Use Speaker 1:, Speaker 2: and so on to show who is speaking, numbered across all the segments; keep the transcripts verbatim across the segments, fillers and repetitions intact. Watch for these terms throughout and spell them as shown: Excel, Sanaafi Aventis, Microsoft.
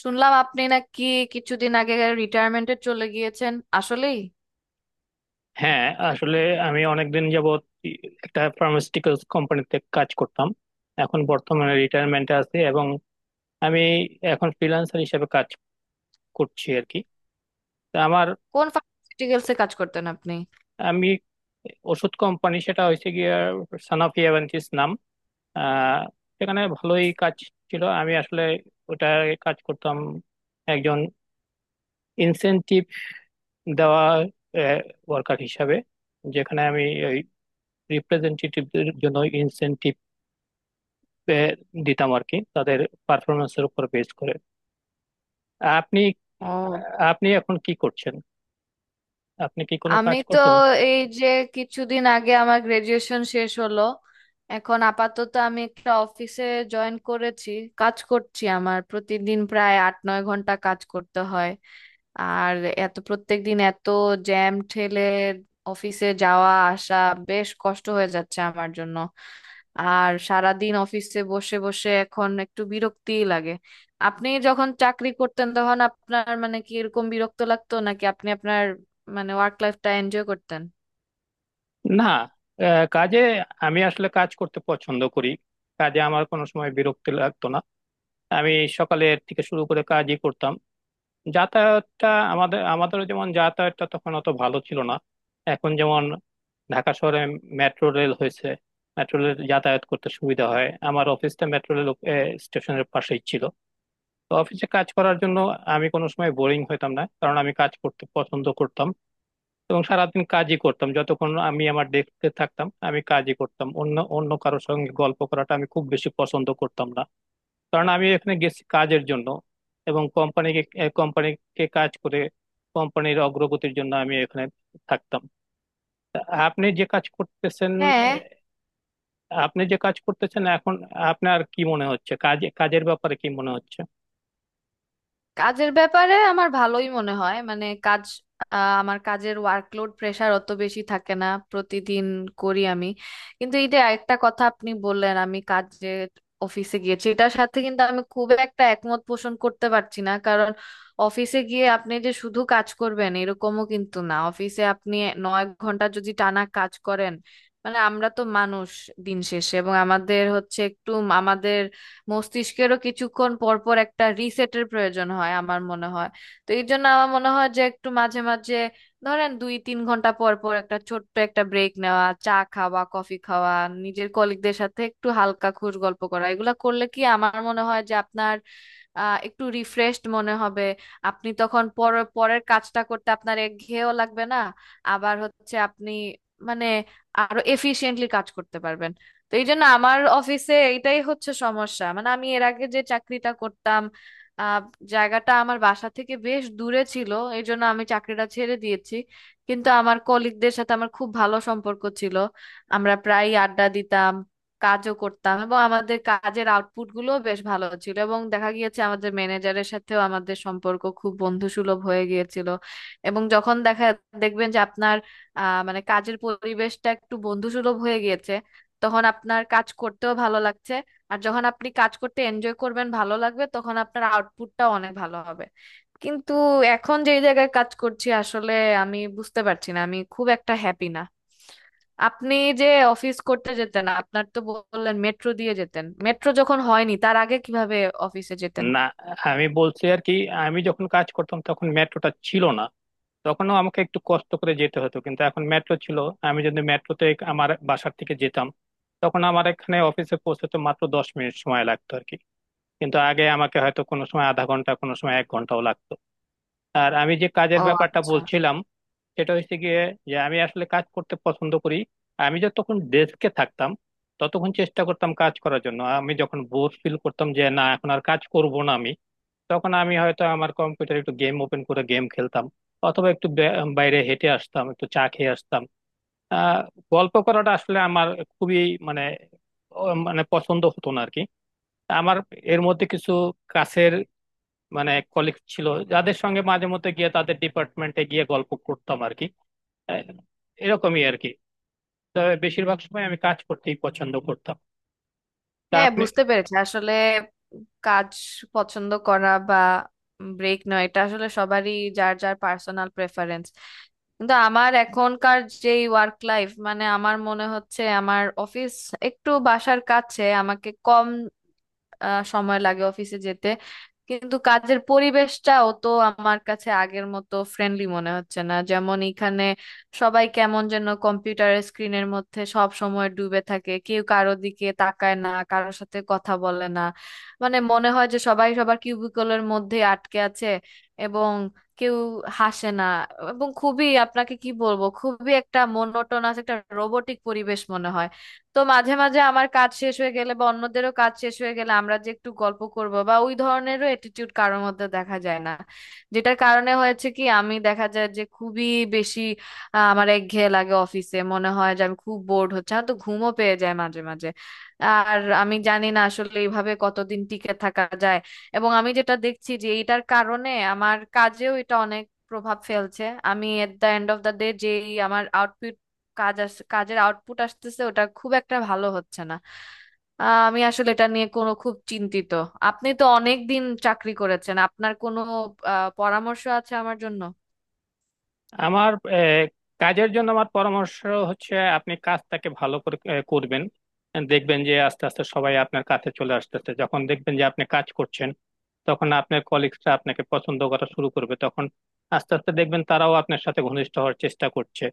Speaker 1: শুনলাম আপনি নাকি কিছুদিন আগে রিটায়ারমেন্টে চলে গিয়েছেন? আসলেই?
Speaker 2: হ্যাঁ, আসলে আমি অনেকদিন যাবৎ একটা ফার্মাসিউটিক্যালস কোম্পানিতে কাজ করতাম। এখন বর্তমানে রিটায়ারমেন্টে আছি এবং আমি এখন ফ্রিল্যান্সার হিসেবে কাজ করছি আর কি। তা আমার
Speaker 1: কোন ফার্মাসিউটিক্যালসে কাজ করতেন আপনি?
Speaker 2: আমি ওষুধ কোম্পানি, সেটা হয়েছে গিয়ে সানাফি অ্যাভেন্টিস নাম। আহ সেখানে ভালোই কাজ ছিল। আমি আসলে ওটা কাজ করতাম একজন ইনসেনটিভ দেওয়া ওয়ার্কার হিসাবে, যেখানে আমি ওই রিপ্রেজেন্টেটিভদের জন্য ইনসেনটিভ পে- দিতাম আর কি, তাদের পারফরমেন্সের উপর বেস করে। আপনি
Speaker 1: ও।
Speaker 2: আপনি এখন কি করছেন? আপনি কি কোনো
Speaker 1: আমি
Speaker 2: কাজ
Speaker 1: তো
Speaker 2: করছেন?
Speaker 1: এই যে কিছুদিন আগে আমার গ্রাজুয়েশন শেষ হলো। এখন আপাতত আমি একটা অফিসে জয়েন করেছি, কাজ করছি। আমার প্রতিদিন প্রায় আট নয় ঘন্টা কাজ করতে হয়। আর এত প্রত্যেক দিন এত জ্যাম ঠেলে অফিসে যাওয়া আসা বেশ কষ্ট হয়ে যাচ্ছে আমার জন্য। আর সারাদিন অফিসে বসে বসে এখন একটু বিরক্তিই লাগে। আপনি যখন চাকরি করতেন তখন আপনার, মানে, কি এরকম বিরক্ত লাগতো নাকি আপনি আপনার মানে ওয়ার্ক লাইফটা এনজয় করতেন?
Speaker 2: না, আহ, কাজে আমি আসলে কাজ করতে পছন্দ করি। কাজে আমার কোনো সময় বিরক্তি লাগতো না। আমি সকালের থেকে শুরু করে কাজই করতাম। যাতায়াতটা, আমাদের আমাদের যেমন যাতায়াতটা তখন অত ভালো ছিল না। এখন যেমন ঢাকা শহরে মেট্রো রেল হয়েছে, মেট্রো রেল যাতায়াত করতে সুবিধা হয়। আমার অফিসটা মেট্রো রেল স্টেশনের পাশেই ছিল। তো অফিসে কাজ করার জন্য আমি কোনো সময় বোরিং হইতাম না, কারণ আমি কাজ করতে পছন্দ করতাম এবং সারাদিন কাজই করতাম। যতক্ষণ আমি আমার ডেস্কে থাকতাম আমি কাজই করতাম। অন্য অন্য কারোর সঙ্গে গল্প করাটা আমি খুব বেশি পছন্দ করতাম না, কারণ আমি এখানে গেছি কাজের জন্য এবং কোম্পানিকে কোম্পানিকে কাজ করে কোম্পানির অগ্রগতির জন্য আমি এখানে থাকতাম। তা আপনি যে কাজ করতেছেন
Speaker 1: হ্যাঁ।
Speaker 2: আহ, আপনি যে কাজ করতেছেন এখন, আপনার কি মনে হচ্ছে? কাজ কাজের ব্যাপারে কি মনে হচ্ছে?
Speaker 1: কাজের ব্যাপারে আমার ভালোই মনে হয়, মানে কাজ আহ, আমার কাজের ওয়ার্কলোড প্রেশার অত বেশি থাকে না প্রতিদিন করি আমি। কিন্তু এই যে একটা কথা আপনি বললেন আমি কাজে অফিসে গিয়েছি, এটার সাথে কিন্তু আমি খুব একটা একমত পোষণ করতে পারছি না, কারণ অফিসে গিয়ে আপনি যে শুধু কাজ করবেন এরকমও কিন্তু না। অফিসে আপনি নয় ঘন্টা যদি টানা কাজ করেন, মানে আমরা তো মানুষ দিন শেষে, এবং আমাদের হচ্ছে একটু আমাদের মস্তিষ্কেরও কিছুক্ষণ পর পর একটা রিসেটের প্রয়োজন হয় আমার মনে হয়। তো এই জন্য আমার মনে হয় যে একটু মাঝে মাঝে ধরেন দুই তিন ঘন্টা পর পর একটা ছোট্ট একটা ব্রেক নেওয়া, চা খাওয়া, কফি খাওয়া, নিজের কলিগদের সাথে একটু হালকা খুশ গল্প করা এগুলা করলে কি আমার মনে হয় যে আপনার আহ একটু রিফ্রেশড মনে হবে। আপনি তখন পর পরের কাজটা করতে আপনার একঘেয়েও লাগবে না, আবার হচ্ছে আপনি, মানে, আরো এফিশিয়েন্টলি কাজ করতে পারবেন। তো এই জন্য আমার অফিসে এটাই হচ্ছে সমস্যা, মানে আমি এর আগে যে চাকরিটা করতাম আহ, জায়গাটা আমার বাসা থেকে বেশ দূরে ছিল, এই জন্য আমি চাকরিটা ছেড়ে দিয়েছি। কিন্তু আমার কলিগদের সাথে আমার খুব ভালো সম্পর্ক ছিল, আমরা প্রায় আড্ডা দিতাম, কাজও করতাম এবং আমাদের কাজের আউটপুট গুলো বেশ ভালো ছিল, এবং দেখা গিয়েছে আমাদের ম্যানেজারের সাথেও আমাদের সম্পর্ক খুব বন্ধুসুলভ হয়ে গিয়েছিল। এবং যখন দেখা দেখবেন যে আপনার আহ মানে কাজের পরিবেশটা একটু বন্ধুসুলভ হয়ে গিয়েছে তখন আপনার কাজ করতেও ভালো লাগছে। আর যখন আপনি কাজ করতে এনজয় করবেন, ভালো লাগবে, তখন আপনার আউটপুটটাও অনেক ভালো হবে। কিন্তু এখন যেই জায়গায় কাজ করছি আসলে আমি বুঝতে পারছি না, আমি খুব একটা হ্যাপি না। আপনি যে অফিস করতে যেতেন, আপনার তো বললেন মেট্রো দিয়ে যেতেন, মেট্রো যখন হয়নি তার আগে কিভাবে অফিসে যেতেন?
Speaker 2: না, আমি বলছি আর কি, আমি যখন কাজ করতাম তখন মেট্রোটা ছিল না। তখনও আমাকে একটু কষ্ট করে যেতে হতো, কিন্তু এখন মেট্রো ছিল। আমি যদি মেট্রোতে আমার বাসার থেকে যেতাম, তখন আমার এখানে অফিসে পৌঁছতে মাত্র দশ মিনিট সময় লাগতো আর কি। কিন্তু আগে আমাকে হয়তো কোনো সময় আধা ঘন্টা, কোনো সময় এক ঘন্টাও লাগতো। আর আমি যে কাজের
Speaker 1: ও
Speaker 2: ব্যাপারটা
Speaker 1: আচ্ছা।
Speaker 2: বলছিলাম, সেটা হচ্ছে গিয়ে যে আমি আসলে কাজ করতে পছন্দ করি। আমি যতক্ষণ ডেস্কে থাকতাম ততক্ষণ চেষ্টা করতাম কাজ করার জন্য। আমি যখন বোর ফিল করতাম যে না, এখন আর কাজ করব না আমি, তখন আমি হয়তো আমার কম্পিউটার একটু গেম ওপেন করে গেম খেলতাম, অথবা একটু বে- বাইরে হেঁটে আসতাম, একটু চা খেয়ে আসতাম। আহ গল্প করাটা আসলে আমার খুবই, মানে, ও- মানে পছন্দ হতো না আর কি। আমার এর মধ্যে কিছু কাছের, মানে, কলিগ ছিল, যাদের সঙ্গে মাঝে মধ্যে গিয়ে তাদের ডিপার্টমেন্টে গিয়ে গল্প করতাম আর কি। আহ, এরকমই আর কি। তবে বেশিরভাগ সময় আমি কাজ করতেই পছন্দ করতাম। তা
Speaker 1: হ্যাঁ
Speaker 2: আপনি,
Speaker 1: বুঝতে পেরেছি। আসলে কাজ পছন্দ করা বা ব্রেক নয় এটা আসলে সবারই যার যার পার্সোনাল প্রেফারেন্স। কিন্তু আমার এখনকার যে ওয়ার্ক লাইফ, মানে আমার মনে হচ্ছে আমার অফিস একটু বাসার কাছে, আমাকে কম আহ, সময় লাগে অফিসে যেতে। কিন্তু কাজের পরিবেশটাও তো আমার কাছে আগের মতো ফ্রেন্ডলি মনে হচ্ছে না। যেমন এখানে সবাই কেমন যেন কম্পিউটারের স্ক্রিনের মধ্যে সব সময় ডুবে থাকে, কেউ কারো দিকে তাকায় না, কারোর সাথে কথা বলে না। মানে মনে হয় যে সবাই সবার কিউবিকলের মধ্যে আটকে আছে, এবং কেউ হাসে না, এবং খুবই আপনাকে কি বলবো খুবই একটা মোনোটোনাস একটা রোবটিক পরিবেশ মনে হয়। তো মাঝে মাঝে আমার কাজ শেষ হয়ে গেলে বা অন্যদেরও কাজ শেষ হয়ে গেলে আমরা যে একটু গল্প করব বা ওই ধরনেরও অ্যাটিটিউড কারোর মধ্যে দেখা যায় না। যেটার কারণে হয়েছে কি আমি দেখা যায় যে খুবই বেশি আহ, আমার একঘেয়ে লাগে অফিসে, মনে হয় যে আমি খুব বোর্ড হচ্ছে, আমার তো ঘুমও পেয়ে যায় মাঝে মাঝে। আর আমি জানি না আসলে এইভাবে কতদিন টিকে থাকা যায়। এবং আমি যেটা দেখছি যে এটার কারণে আমার কাজেও এটা অনেক প্রভাব ফেলছে। আমি at the end of the day যেই আমার কাজ আস কাজের আউটপুট আসতেছে ওটা খুব একটা ভালো হচ্ছে না। আহ, আমি আসলে এটা নিয়ে কোনো খুব চিন্তিত। আপনি তো অনেক দিন চাকরি করেছেন, আপনার কোনো আহ, পরামর্শ আছে আমার জন্য?
Speaker 2: আমার আহ, কাজের জন্য আমার পরামর্শ হচ্ছে আপনি কাজটাকে ভালো করে আহ, করবেন। দেখবেন যে আস্তে আস্তে সবাই আপনার কাছে চলে আসতেছে। যখন দেখবেন যে আপনি কাজ করছেন, তখন আপনার কলিগসরা আপনাকে পছন্দ করা শুরু করবে। তখন আস্তে আস্তে দেখবেন তারাও আপনার সাথে ঘনিষ্ঠ হওয়ার চেষ্টা করছে,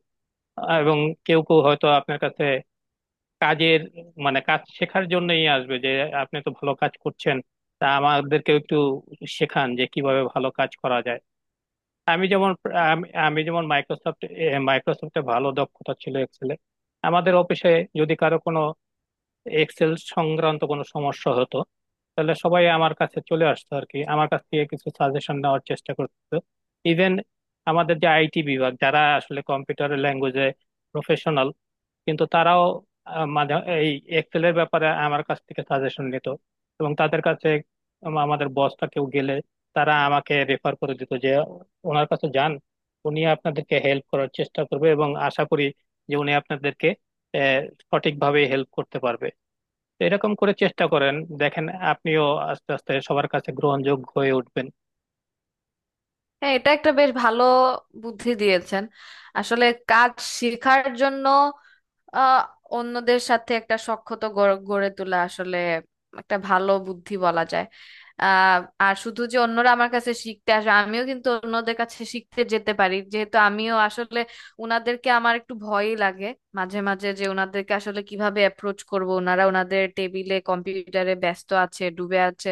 Speaker 2: এবং কেউ কেউ হয়তো আপনার কাছে কাজের, মানে, কাজ শেখার জন্যই আসবে যে আপনি তো ভালো কাজ করছেন, তা আমাদেরকেও একটু শেখান যে কিভাবে ভালো কাজ করা যায়। আমি যেমন আমি আমি যেমন মাইক্রোসফট মাইক্রোসফটে ভালো দক্ষতা ছিল, এক্সেলে। আমাদের অফিসে যদি কারো কোনো এক্সেল সংক্রান্ত কোনো সমস্যা হতো, তাহলে সবাই আমার কাছে চলে আসতো আর কি, আমার কাছ থেকে কিছু সাজেশন নেওয়ার চেষ্টা করতো। ইভেন আমাদের যে আইটি বিভাগ, যারা আসলে কম্পিউটার ল্যাঙ্গুয়েজে প্রফেশনাল, কিন্তু তারাও আহ, মাঝে এই এক্সেলের ব্যাপারে আমার কাছ থেকে সাজেশন নিত। এবং তাদের কাছে আম- আমাদের বসটা কেউ গেলে, তারা আমাকে রেফার করে দিত যে ওনার কাছে যান, উনি আপনাদেরকে হেল্প করার চেষ্টা করবে এবং আশা করি যে উনি আপনাদেরকে আহ, সঠিকভাবে হেল্প করতে পারবে। তো এরকম করে চেষ্টা করেন, দেখেন আপনিও আস্তে আস্তে সবার কাছে গ্রহণযোগ্য হয়ে উঠবেন।
Speaker 1: হ্যাঁ এটা একটা বেশ ভালো বুদ্ধি দিয়েছেন। আসলে কাজ শেখার জন্য আহ অন্যদের সাথে একটা সখ্যতা গড়ে গড়ে তোলা আসলে একটা ভালো বুদ্ধি বলা যায়। আহ আর শুধু যে অন্যরা আমার কাছে শিখতে আসে, আমিও কিন্তু অন্যদের কাছে শিখতে যেতে পারি, যেহেতু আমিও আসলে উনাদেরকে আমার একটু ভয়ই লাগে মাঝে মাঝে, যে উনাদেরকে আসলে কিভাবে অ্যাপ্রোচ করব, ওনারা ওনাদের টেবিলে কম্পিউটারে ব্যস্ত আছে, ডুবে আছে।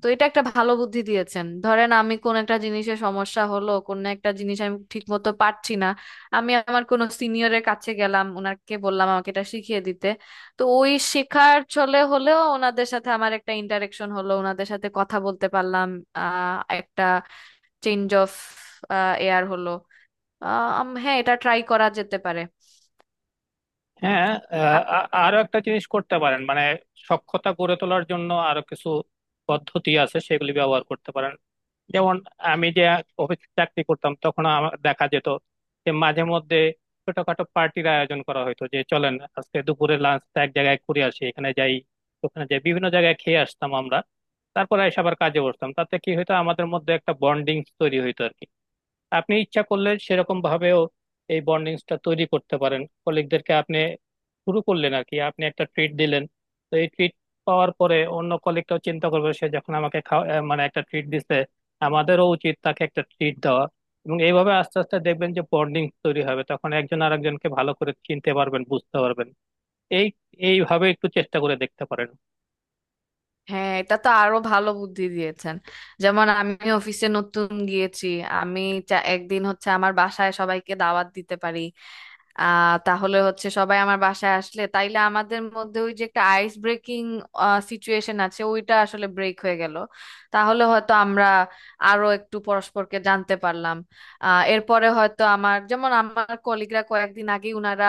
Speaker 1: তো এটা একটা ভালো বুদ্ধি দিয়েছেন। ধরেন আমি কোন একটা জিনিসে সমস্যা হলো, কোন একটা জিনিস আমি ঠিক মতো পারছি না, আমি আমার কোন সিনিয়রের কাছে গেলাম, ওনাকে বললাম আমাকে এটা শিখিয়ে দিতে। তো ওই শেখার চলে হলেও ওনাদের সাথে আমার একটা ইন্টারেকশন হলো, ওনাদের সাথে কথা বলতে পারলাম। আহ একটা চেঞ্জ অফ এয়ার হলো। আহ, আম- হ্যাঁ এটা ট্রাই করা যেতে পারে।
Speaker 2: হ্যাঁ, আহ, আ- আরো একটা জিনিস করতে পারেন। মানে, সক্ষমতা গড়ে তোলার জন্য আরো কিছু পদ্ধতি আছে, সেগুলি ব্যবহার করতে পারেন। যেমন আমি যে অফিস চাকরি করতাম তখন আমার দেখা যেত যে মাঝে মধ্যে ছোটখাটো পার্টির আয়োজন করা হতো, যে চলেন আজকে দুপুরে লাঞ্চটা এক জায়গায় ঘুরে আসি, এখানে যাই, ওখানে যাই। বিভিন্ন জায়গায় খেয়ে আসতাম আমরা, তারপরে এসে আবার কাজে বসতাম। তাতে কি হতো, আমাদের মধ্যে একটা বন্ডিং তৈরি হইতো আর কি। আপনি ইচ্ছা করলে সেরকম ভাবেও এই বন্ডিংসটা তৈরি করতে পারেন। কলিগদেরকে আপনি শুরু করলেন আর কি, আপনি একটা ট্রিট দিলেন। তো এই ট্রিট পাওয়ার পরে অন্য কলিগটাও চিন্তা করবে, সে যখন আমাকে খাওয়া, আহ, মানে একটা ট্রিট দিছে, আমাদেরও উচিত তাকে একটা ট্রিট দেওয়া। এবং এইভাবে আস্তে আস্তে দেখবেন যে বন্ডিং তৈরি হবে, তখন একজন আরেকজনকে ভালো করে চিনতে পারবেন, বুঝতে পারবেন। এই এইভাবে একটু চেষ্টা করে দেখতে পারেন।
Speaker 1: হ্যাঁ এটা তো আরো ভালো বুদ্ধি দিয়েছেন। যেমন আমি অফিসে নতুন গিয়েছি, আমি চা- একদিন হচ্ছে আমার বাসায় সবাইকে দাওয়াত দিতে পারি। আহ তাহলে হচ্ছে সবাই আমার বাসায় আসলে তাইলে আমাদের মধ্যে ওই যে একটা আইস ব্রেকিং সিচুয়েশন আছে ওইটা আসলে ব্রেক হয়ে গেল। তাহলে হয়তো আমরা আরো একটু পরস্পরকে জানতে পারলাম। আহ এরপরে হয়তো আমার যেমন আমার কলিগরা কয়েকদিন আগে উনারা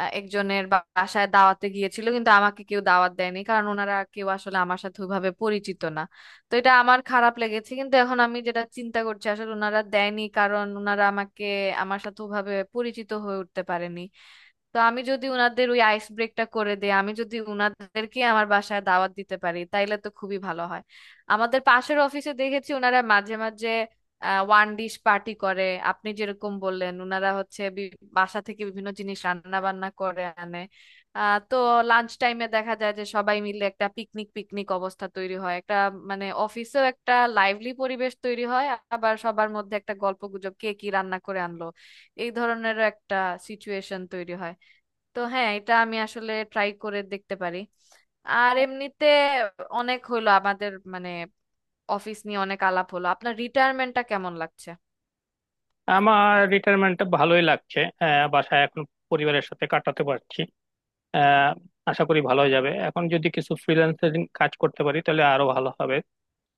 Speaker 1: আহ, একজনের বা- বাসায় দাওয়াতে গিয়েছিল কিন্তু আমাকে কেউ দাওয়াত দেয়নি, কারণ ওনারা কেউ আসলে আমার সাথে ওইভাবে পরিচিত না। তো এটা আমার খারাপ লেগেছে, কিন্তু এখন আমি যেটা চিন্তা করছি আসলে ওনারা দেয়নি কারণ ওনারা আমাকে আমার সাথে ওভাবে পরিচিত হয়ে উঠতে পারেনি। তো আমি যদি উনাদের ওই আইস ব্রেকটা করে দিই, আমি যদি উনাদেরকে আমার বাসায় দাওয়াত দিতে পারি তাইলে তো খুবই ভালো হয়। আমাদের পাশের অফিসে দেখেছি ওনারা মাঝে মাঝে ওয়ান ডিশ পার্টি করে। আপনি যেরকম বললেন ওনারা হচ্ছে বি- বাসা থেকে বিভিন্ন জিনিস রান্না বান্না করে আনে। আহ তো লাঞ্চ টাইমে দেখা যায় যে সবাই মিলে একটা পিকনিক পিকনিক অবস্থা তৈরি হয় একটা, মানে অফিসেও একটা লাইভলি পরিবেশ তৈরি হয়। আবার সবার মধ্যে একটা গল্পগুজব কে কি রান্না করে আনলো এই ধরনেরও একটা সিচুয়েশন তৈরি হয়। তো হ্যাঁ এটা আমি আসলে ট্রাই করে দেখতে পারি। আর এমনিতে অনেক হলো আমাদের মানে অফিস নিয়ে অনেক আলাপ হলো, আপনার রিটায়ারমেন্টটা কেমন লাগছে?
Speaker 2: আমার রিটায়ারমেন্টটা ভালোই লাগছে। আহ, বাসায় এখন পরিবারের সাথে কাটাতে পারছি। আহ, আশা করি ভালোই যাবে। এখন যদি কিছু ফ্রিল্যান্সিং কাজ করতে পারি তাহলে আরো ভালো হবে।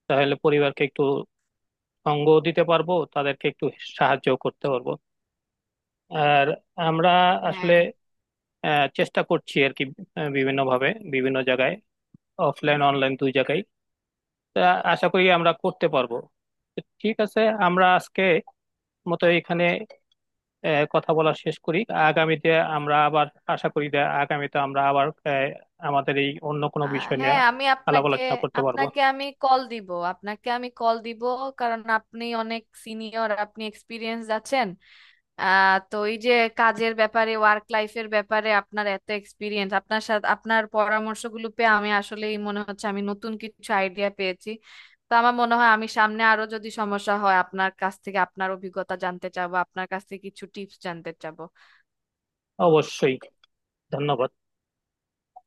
Speaker 2: তাহলে পরিবারকে একটু সঙ্গ দিতে পারবো, তাদেরকে একটু সাহায্য করতে পারবো। আর আমরা
Speaker 1: হ্যাঁ।
Speaker 2: আসলে আহ, চেষ্টা করছি আর কি, বিভিন্ন ভাবে, বিভিন্ন জায়গায়, অফলাইন অনলাইন দুই জায়গায়। তা আশা করি আমরা করতে পারবো। তো ঠিক আছে, আমরা আজকে মতো এখানে আহ, কথা বলা শেষ করি। আগামীতে আমরা আবার, আশা করি যে আগামীতে আমরা আবার আহ, আমাদের এই অন্য কোনো
Speaker 1: আহ,
Speaker 2: বিষয় নিয়ে
Speaker 1: হ্যাঁ আমি
Speaker 2: আলাপ
Speaker 1: আপনাকে
Speaker 2: আলোচনা করতে পারবো।
Speaker 1: আপনাকে আমি কল দিব আপনাকে আমি কল দিব, কারণ আপনি অনেক সিনিয়র, আপনি এক্সপিরিয়েন্স আছেন। আহ তো এই যে কাজের ব্যাপারে ওয়ার্ক লাইফের ব্যাপারে আপনার এত এক্সপিরিয়েন্স, আপনার সাথে আপনার পরামর্শগুলো পেয়ে আমি আসলেই মনে হচ্ছে আমি নতুন কিছু আইডিয়া পেয়েছি। তো আমার মনে হয় আমি সামনে আরো যদি সমস্যা হয় আপনার কাছ থেকে আপনার অভিজ্ঞতা জানতে চাবো, আপনার কাছ থেকে কিছু টিপস জানতে চাবো।
Speaker 2: অবশ্যই, ধন্যবাদ।